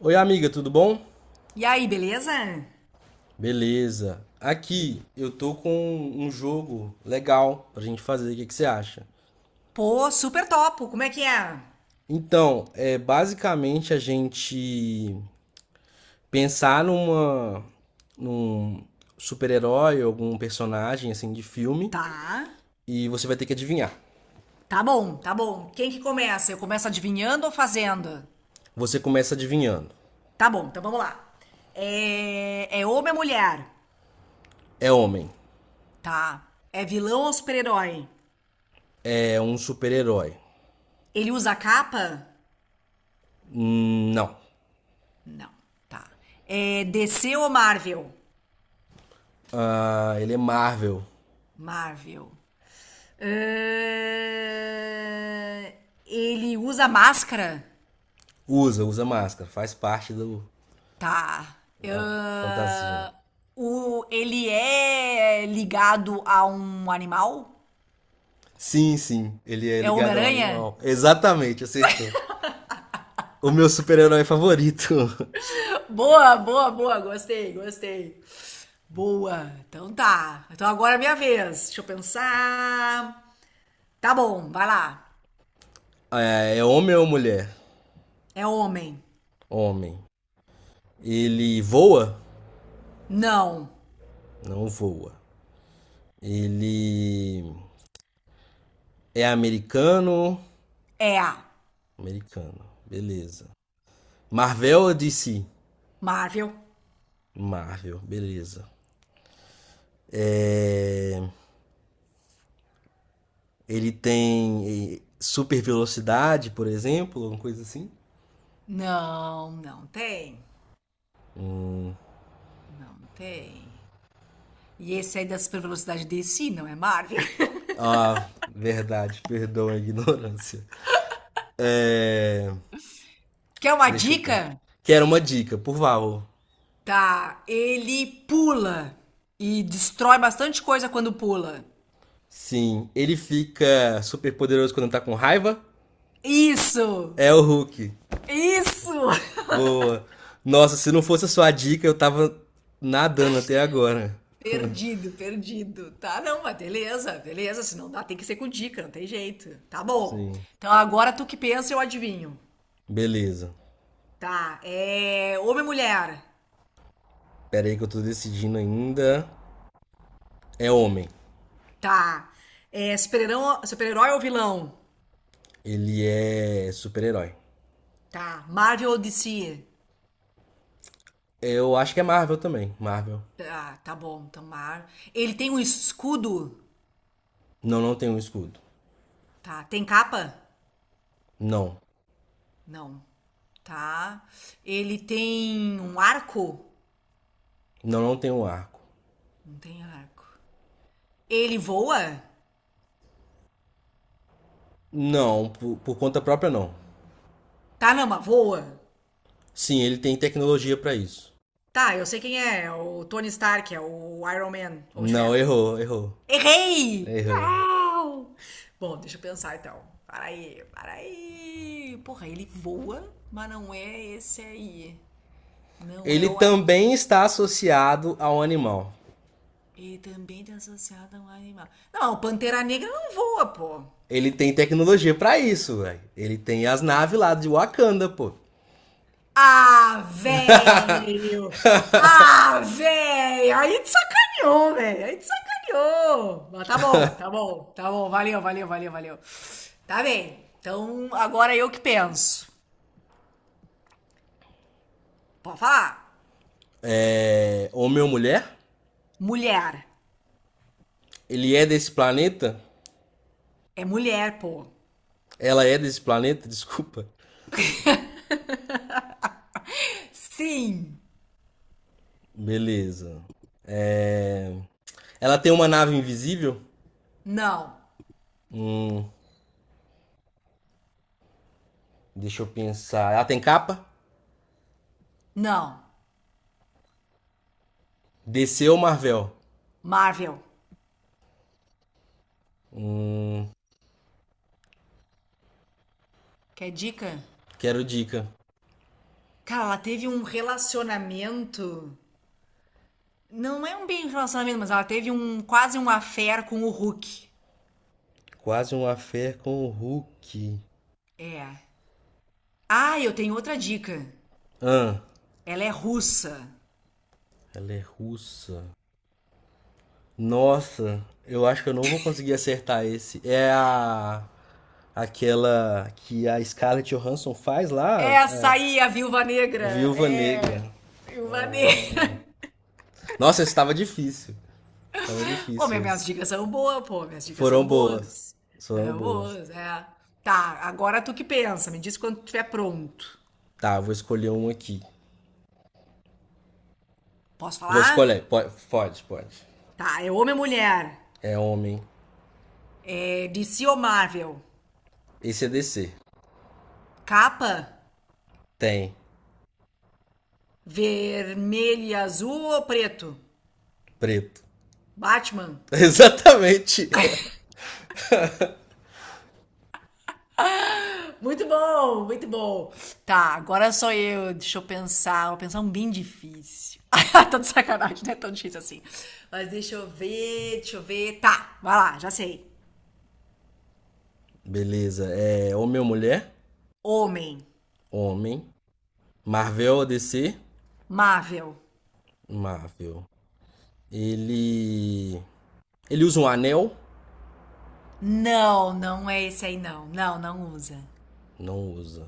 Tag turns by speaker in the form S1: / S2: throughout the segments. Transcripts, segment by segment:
S1: Oi, amiga, tudo bom?
S2: E aí, beleza?
S1: Beleza.
S2: Bom.
S1: Aqui eu tô com um jogo legal pra gente fazer. O que que você acha?
S2: Pô, super topo. Como é que é?
S1: Então, é basicamente a gente pensar num super-herói, algum personagem assim de filme
S2: Tá.
S1: e você vai ter que adivinhar.
S2: Tá bom, tá bom. Quem que começa? Eu começo adivinhando ou fazendo?
S1: Você começa adivinhando.
S2: Tá bom, então vamos lá. É homem ou mulher?
S1: É homem.
S2: Tá. É vilão ou super-herói?
S1: É um super-herói.
S2: Ele usa capa?
S1: Não.
S2: Não. Tá. É DC ou Marvel?
S1: Ah, ele é Marvel.
S2: Marvel. É. Ele usa máscara?
S1: Usa máscara, faz parte do
S2: Tá.
S1: da fantasia.
S2: Ele é ligado a um animal?
S1: Sim, ele é
S2: É o
S1: ligado a um
S2: Homem-Aranha?
S1: animal. Exatamente, acertou. O meu super-herói favorito.
S2: Boa, boa, boa. Gostei, gostei. Boa. Então tá. Então agora é minha vez. Deixa eu pensar. Tá bom, vai lá.
S1: É homem ou mulher?
S2: É homem?
S1: Homem. Ele voa?
S2: Não.
S1: Não voa. Ele é americano?
S2: É a.
S1: Americano, beleza. Marvel ou DC?
S2: Marvel?
S1: Marvel, beleza. É, Ele tem super velocidade, por exemplo, uma coisa assim?
S2: Não, não tem. Não tem. E esse aí da super velocidade DC, não é Marvel?
S1: Ah, verdade, perdão a ignorância. É,
S2: Quer uma
S1: Deixa eu pôr.
S2: dica?
S1: Que era uma dica, por favor.
S2: Tá, ele pula e destrói bastante coisa quando pula.
S1: Sim, ele fica super poderoso quando tá com raiva.
S2: Isso!
S1: É o Hulk.
S2: Isso!
S1: Boa. Nossa, se não fosse a sua dica, eu tava nadando até agora.
S2: Perdido, perdido. Tá, não, mas beleza, beleza. Se não dá, tem que ser com dica, não tem jeito. Tá bom.
S1: Sim.
S2: Então agora tu que pensa, eu adivinho.
S1: Beleza.
S2: Tá, é. Homem e mulher.
S1: Pera aí que eu tô decidindo ainda. É homem.
S2: Tá. É super-herói ou vilão?
S1: Ele é super-herói.
S2: Tá. Marvel ou DC?
S1: Eu acho que é Marvel também. Marvel.
S2: Tá, tá bom. Então, ele tem um escudo?
S1: Não, não tem um escudo.
S2: Tá. Tem capa?
S1: Não.
S2: Não. Tá. Ele tem um arco?
S1: Não, não tem um arco.
S2: Não tem arco. Ele voa?
S1: Não, por conta própria não.
S2: Tá, não, mas voa.
S1: Sim, ele tem tecnologia pra isso.
S2: Tá, eu sei quem é. É o Tony Stark, é o Iron Man, Homem de
S1: Não,
S2: Ferro.
S1: errou.
S2: Errei!
S1: Errou.
S2: Não! Bom, deixa eu pensar então. Para aí, para aí. Porra, ele voa, mas não é esse aí. Não é
S1: Ele
S2: o arco.
S1: também está associado a um animal.
S2: E também tem associado a um animal. Não, o Pantera Negra não voa, pô.
S1: Ele tem tecnologia pra isso, velho. Ele tem as naves lá de Wakanda, pô.
S2: Ah, velho! Ah, velho! Aí te sacaneou, velho! Aí te sacaneou! Mas tá bom, tá bom, tá bom. Valeu, valeu, valeu, valeu. Tá bem. Então, agora eu que penso. Pode falar?
S1: é... Homem ou mulher?
S2: Mulher.
S1: Ele é desse planeta?
S2: É mulher, pô.
S1: Ela é desse planeta? Desculpa.
S2: Sim.
S1: Beleza. É... Ela tem uma nave invisível?
S2: Não.
S1: Hum, deixa eu pensar. Ela tem capa?
S2: Não.
S1: DC ou Marvel?
S2: Marvel. Quer dica?
S1: Quero dica.
S2: Cara, ela teve um relacionamento. Não é um bem relacionamento, mas ela teve um quase um affair com o Hulk.
S1: Quase uma fé com o Hulk.
S2: É. Ah, eu tenho outra dica.
S1: Ah,
S2: Ela é russa.
S1: ela é russa. Nossa, eu acho que eu não vou conseguir acertar esse. É a aquela que a Scarlett Johansson faz lá,
S2: Essa
S1: a
S2: aí, a Viúva Negra.
S1: Viúva Negra.
S2: É, Viúva
S1: Ah.
S2: Negra.
S1: Nossa, esse tava difícil. Tava
S2: Pô, mas
S1: difícil
S2: minhas
S1: esse.
S2: dicas são boas, pô. Minhas dicas
S1: Foram
S2: são
S1: boas.
S2: boas.
S1: Foram
S2: É,
S1: boas.
S2: boas, é. Tá, agora tu que pensa. Me diz quando estiver pronto.
S1: Tá, eu vou escolher um aqui.
S2: Posso
S1: Vou
S2: falar?
S1: escolher. Pode, pode.
S2: Tá, é homem ou mulher?
S1: É homem.
S2: É DC ou Marvel?
S1: Esse é DC.
S2: Capa?
S1: Tem.
S2: Vermelho e azul ou preto?
S1: Preto.
S2: Batman?
S1: Exatamente.
S2: Muito bom, muito bom. Tá, agora sou eu. Deixa eu pensar. Vou pensar um bem difícil. Tá de sacanagem, não é tão difícil assim. Mas deixa eu ver, deixa eu ver. Tá, vai lá, já sei.
S1: Beleza. É homem ou mulher?
S2: Homem.
S1: Homem. Marvel ou DC?
S2: Marvel.
S1: Marvel. Ele. Ele usa um anel?
S2: Não, não é esse aí, não. Não, não usa.
S1: Não usa.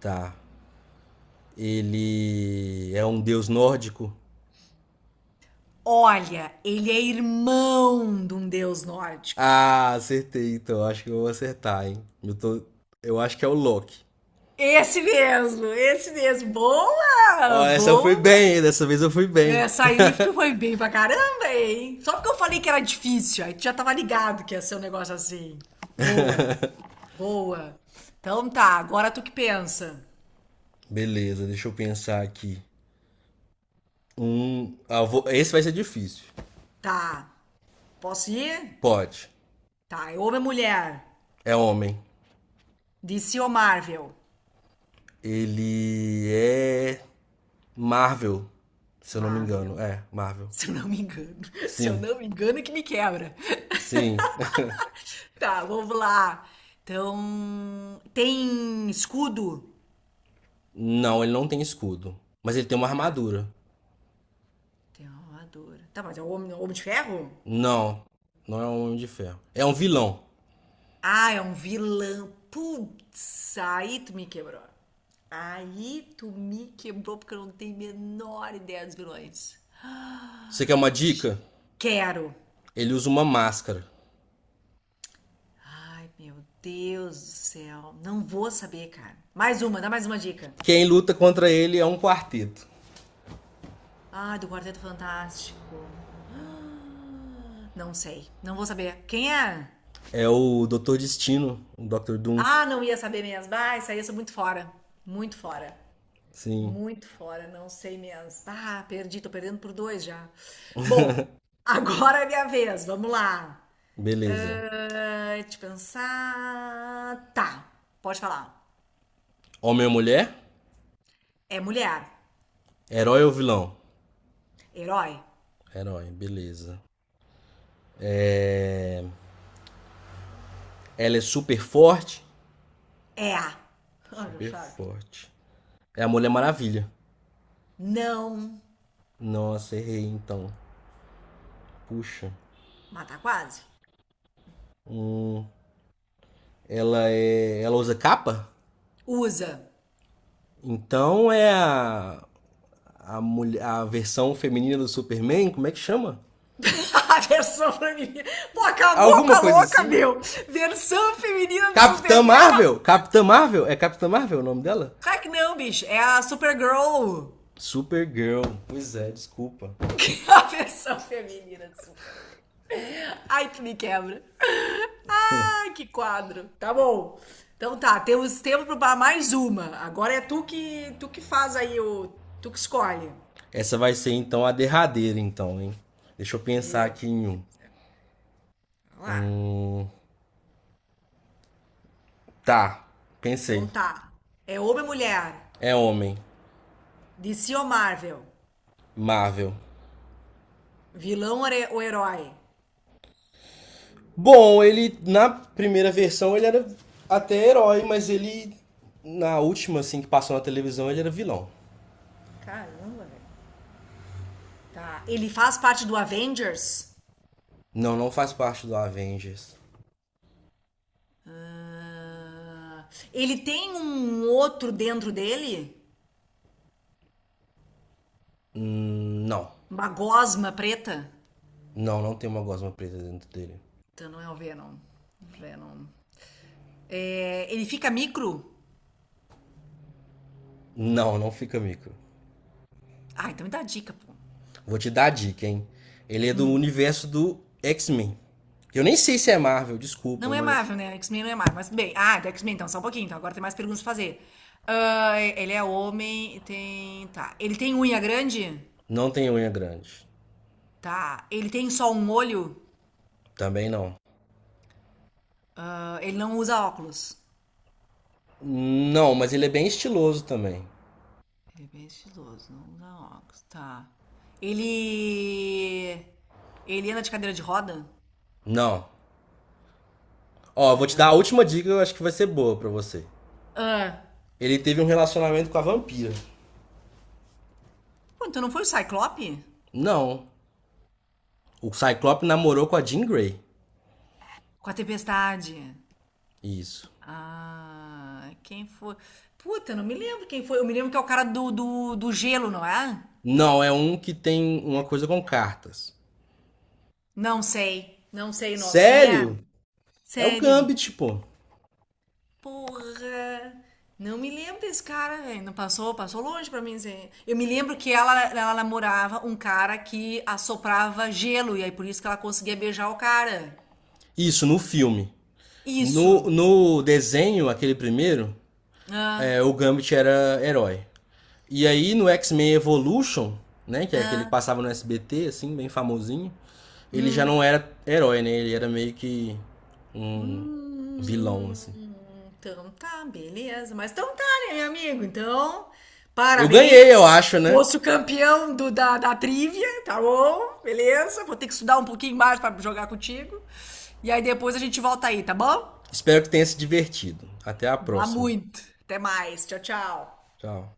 S1: Tá. Ele é um deus nórdico?
S2: Olha, ele é irmão de um deus nórdico.
S1: Ah, acertei, então. Acho que eu vou acertar, hein? Eu, tô... eu acho que é o Loki.
S2: Esse mesmo, esse mesmo.
S1: Ó,
S2: Boa!
S1: essa eu fui
S2: Boa!
S1: bem, hein? Dessa vez eu fui bem.
S2: É, sair tu foi bem pra caramba, hein? Só porque eu falei que era difícil, aí tu já tava ligado que ia ser um negócio assim. Boa, boa. Então tá, agora tu que pensa.
S1: Beleza, deixa eu pensar aqui. Esse vai ser difícil.
S2: Tá, posso ir?
S1: Pode.
S2: Tá, é homem ou mulher?
S1: É homem.
S2: DC ou Marvel?
S1: Ele é. Marvel. Se eu não me engano.
S2: Marvel.
S1: É, Marvel.
S2: Se eu não me engano. Se eu
S1: Sim,
S2: não me engano, é que me quebra.
S1: sim.
S2: Tá, vamos lá. Então, tem escudo?
S1: Não, ele não tem escudo. Mas ele tem uma
S2: Tá,
S1: armadura.
S2: tem uma armadura. Tá, mas é o homem, homem de ferro?
S1: Não, não é um homem de ferro. É um vilão.
S2: Ah, é um vilão. Putz, aí tu me quebrou. Aí tu me quebrou porque eu não tenho a menor ideia dos vilões.
S1: Você quer
S2: Ah,
S1: uma dica?
S2: quero.
S1: Ele usa uma máscara.
S2: Ai, meu Deus do céu. Não vou saber, cara. Mais uma, dá mais uma dica.
S1: Quem luta contra ele é um quarteto.
S2: Ah, do Quarteto Fantástico. Ah, não sei. Não vou saber. Quem é?
S1: É o Dr. Destino, o Dr. Doom.
S2: Ah, não ia saber mesmo. Ah, isso aí eu sou muito fora. Muito fora.
S1: Sim,
S2: Muito fora, não sei mesmo. Ah, perdi, tô perdendo por dois já. Bom, agora é minha vez, vamos lá.
S1: beleza.
S2: Ah, deixa eu pensar. Tá, pode falar.
S1: Homem ou mulher?
S2: É mulher.
S1: Herói ou vilão?
S2: Herói.
S1: Herói, beleza. Ela é super forte?
S2: É a. Ah, já
S1: Super
S2: sabe.
S1: forte. É a Mulher Maravilha.
S2: Não.
S1: Nossa, errei então. Puxa.
S2: Mata quase.
S1: Hum, ela é. Ela usa capa?
S2: Usa.
S1: Então é a versão feminina do Superman, como é que chama?
S2: A versão feminina. Pô, acabou com
S1: Alguma
S2: a
S1: coisa
S2: louca,
S1: assim.
S2: meu. Versão feminina do Superman. Acabou.
S1: Capitã Marvel? É Capitã Marvel o nome dela?
S2: Claro que não, bicho. É a Supergirl.
S1: Supergirl. Pois é, desculpa.
S2: Que a versão feminina de Superman. Ai, que me quebra. Ai, que quadro. Tá bom. Então tá, temos tempo para mais uma. Agora é tu que faz aí o tu que escolhe.
S1: Essa vai ser então a derradeira, então, hein? Deixa eu pensar
S2: Meio.
S1: aqui em um.
S2: Vamos lá.
S1: Tá,
S2: Então
S1: pensei.
S2: tá. É homem ou mulher?
S1: É homem.
S2: DC ou Marvel?
S1: Marvel.
S2: Vilão ou herói?
S1: Bom, ele na primeira versão ele era até herói, mas ele na última assim que passou na televisão ele era vilão.
S2: Caramba, velho. Tá. Ele faz parte do Avengers?
S1: Não, não faz parte do Avengers.
S2: Ah, ele tem um outro dentro dele?
S1: Não.
S2: Uma gosma preta?
S1: Não, não tem uma gosma preta dentro dele.
S2: Então não é o Venom. Venom. É, ele fica micro?
S1: Não, não fica micro.
S2: Ah, então me dá dica, pô.
S1: Vou te dar a dica, hein? Ele é do universo do X-Men. Eu nem sei se é Marvel, desculpa,
S2: Não é
S1: mas
S2: Marvel, né? X-Men não é Marvel, mas tudo bem. Ah, do X-Men, então, só um pouquinho. Então, agora tem mais perguntas pra fazer. Ah, ele é homem. Tá. Ele tem unha grande?
S1: não tem unha grande.
S2: Tá. Ele tem só um olho?
S1: Também não.
S2: Ah, ele não usa óculos?
S1: Não, mas ele é bem estiloso também.
S2: Ele é bem estiloso, não usa óculos. Tá. Ele... Ele anda de cadeira de roda?
S1: Não. Ó, eu vou te dar a
S2: Caramba.
S1: última dica, eu acho que vai ser boa pra você.
S2: Ah.
S1: Ele teve um relacionamento com a vampira.
S2: Pô, então não foi o Cyclope?
S1: Não. O Cyclope namorou com a Jean Grey.
S2: Com a tempestade.
S1: Isso.
S2: Ah, quem foi? Puta, eu não me lembro quem foi. Eu me lembro que é o cara do gelo, não é?
S1: Não, é um que tem uma coisa com cartas.
S2: Não sei. Não sei o nome. Quem é?
S1: Sério? É o
S2: Sério?
S1: Gambit, pô.
S2: Porra. Não me lembro desse cara, velho. Não passou, passou longe pra mim, assim. Eu me lembro que ela namorava um cara que assoprava gelo, e aí por isso que ela conseguia beijar o cara.
S1: Isso, no filme. No,
S2: Isso.
S1: no desenho, aquele primeiro, é,
S2: Ah,
S1: o Gambit era herói. E aí no X-Men Evolution, né, que é aquele que
S2: ah,
S1: passava no SBT, assim, bem famosinho, ele já não
S2: hum.
S1: era herói, né? Ele era meio que um vilão,
S2: Hum,
S1: assim.
S2: então tá, beleza. Mas então tá, né, meu amigo? Então,
S1: Eu ganhei, eu
S2: parabéns.
S1: acho, né?
S2: Fosse o campeão da trivia, tá bom? Beleza. Vou ter que estudar um pouquinho mais pra jogar contigo. E aí depois a gente volta aí, tá bom?
S1: Espero que tenha se divertido. Até a
S2: Vá
S1: próxima.
S2: muito. Até mais. Tchau, tchau.
S1: Tchau.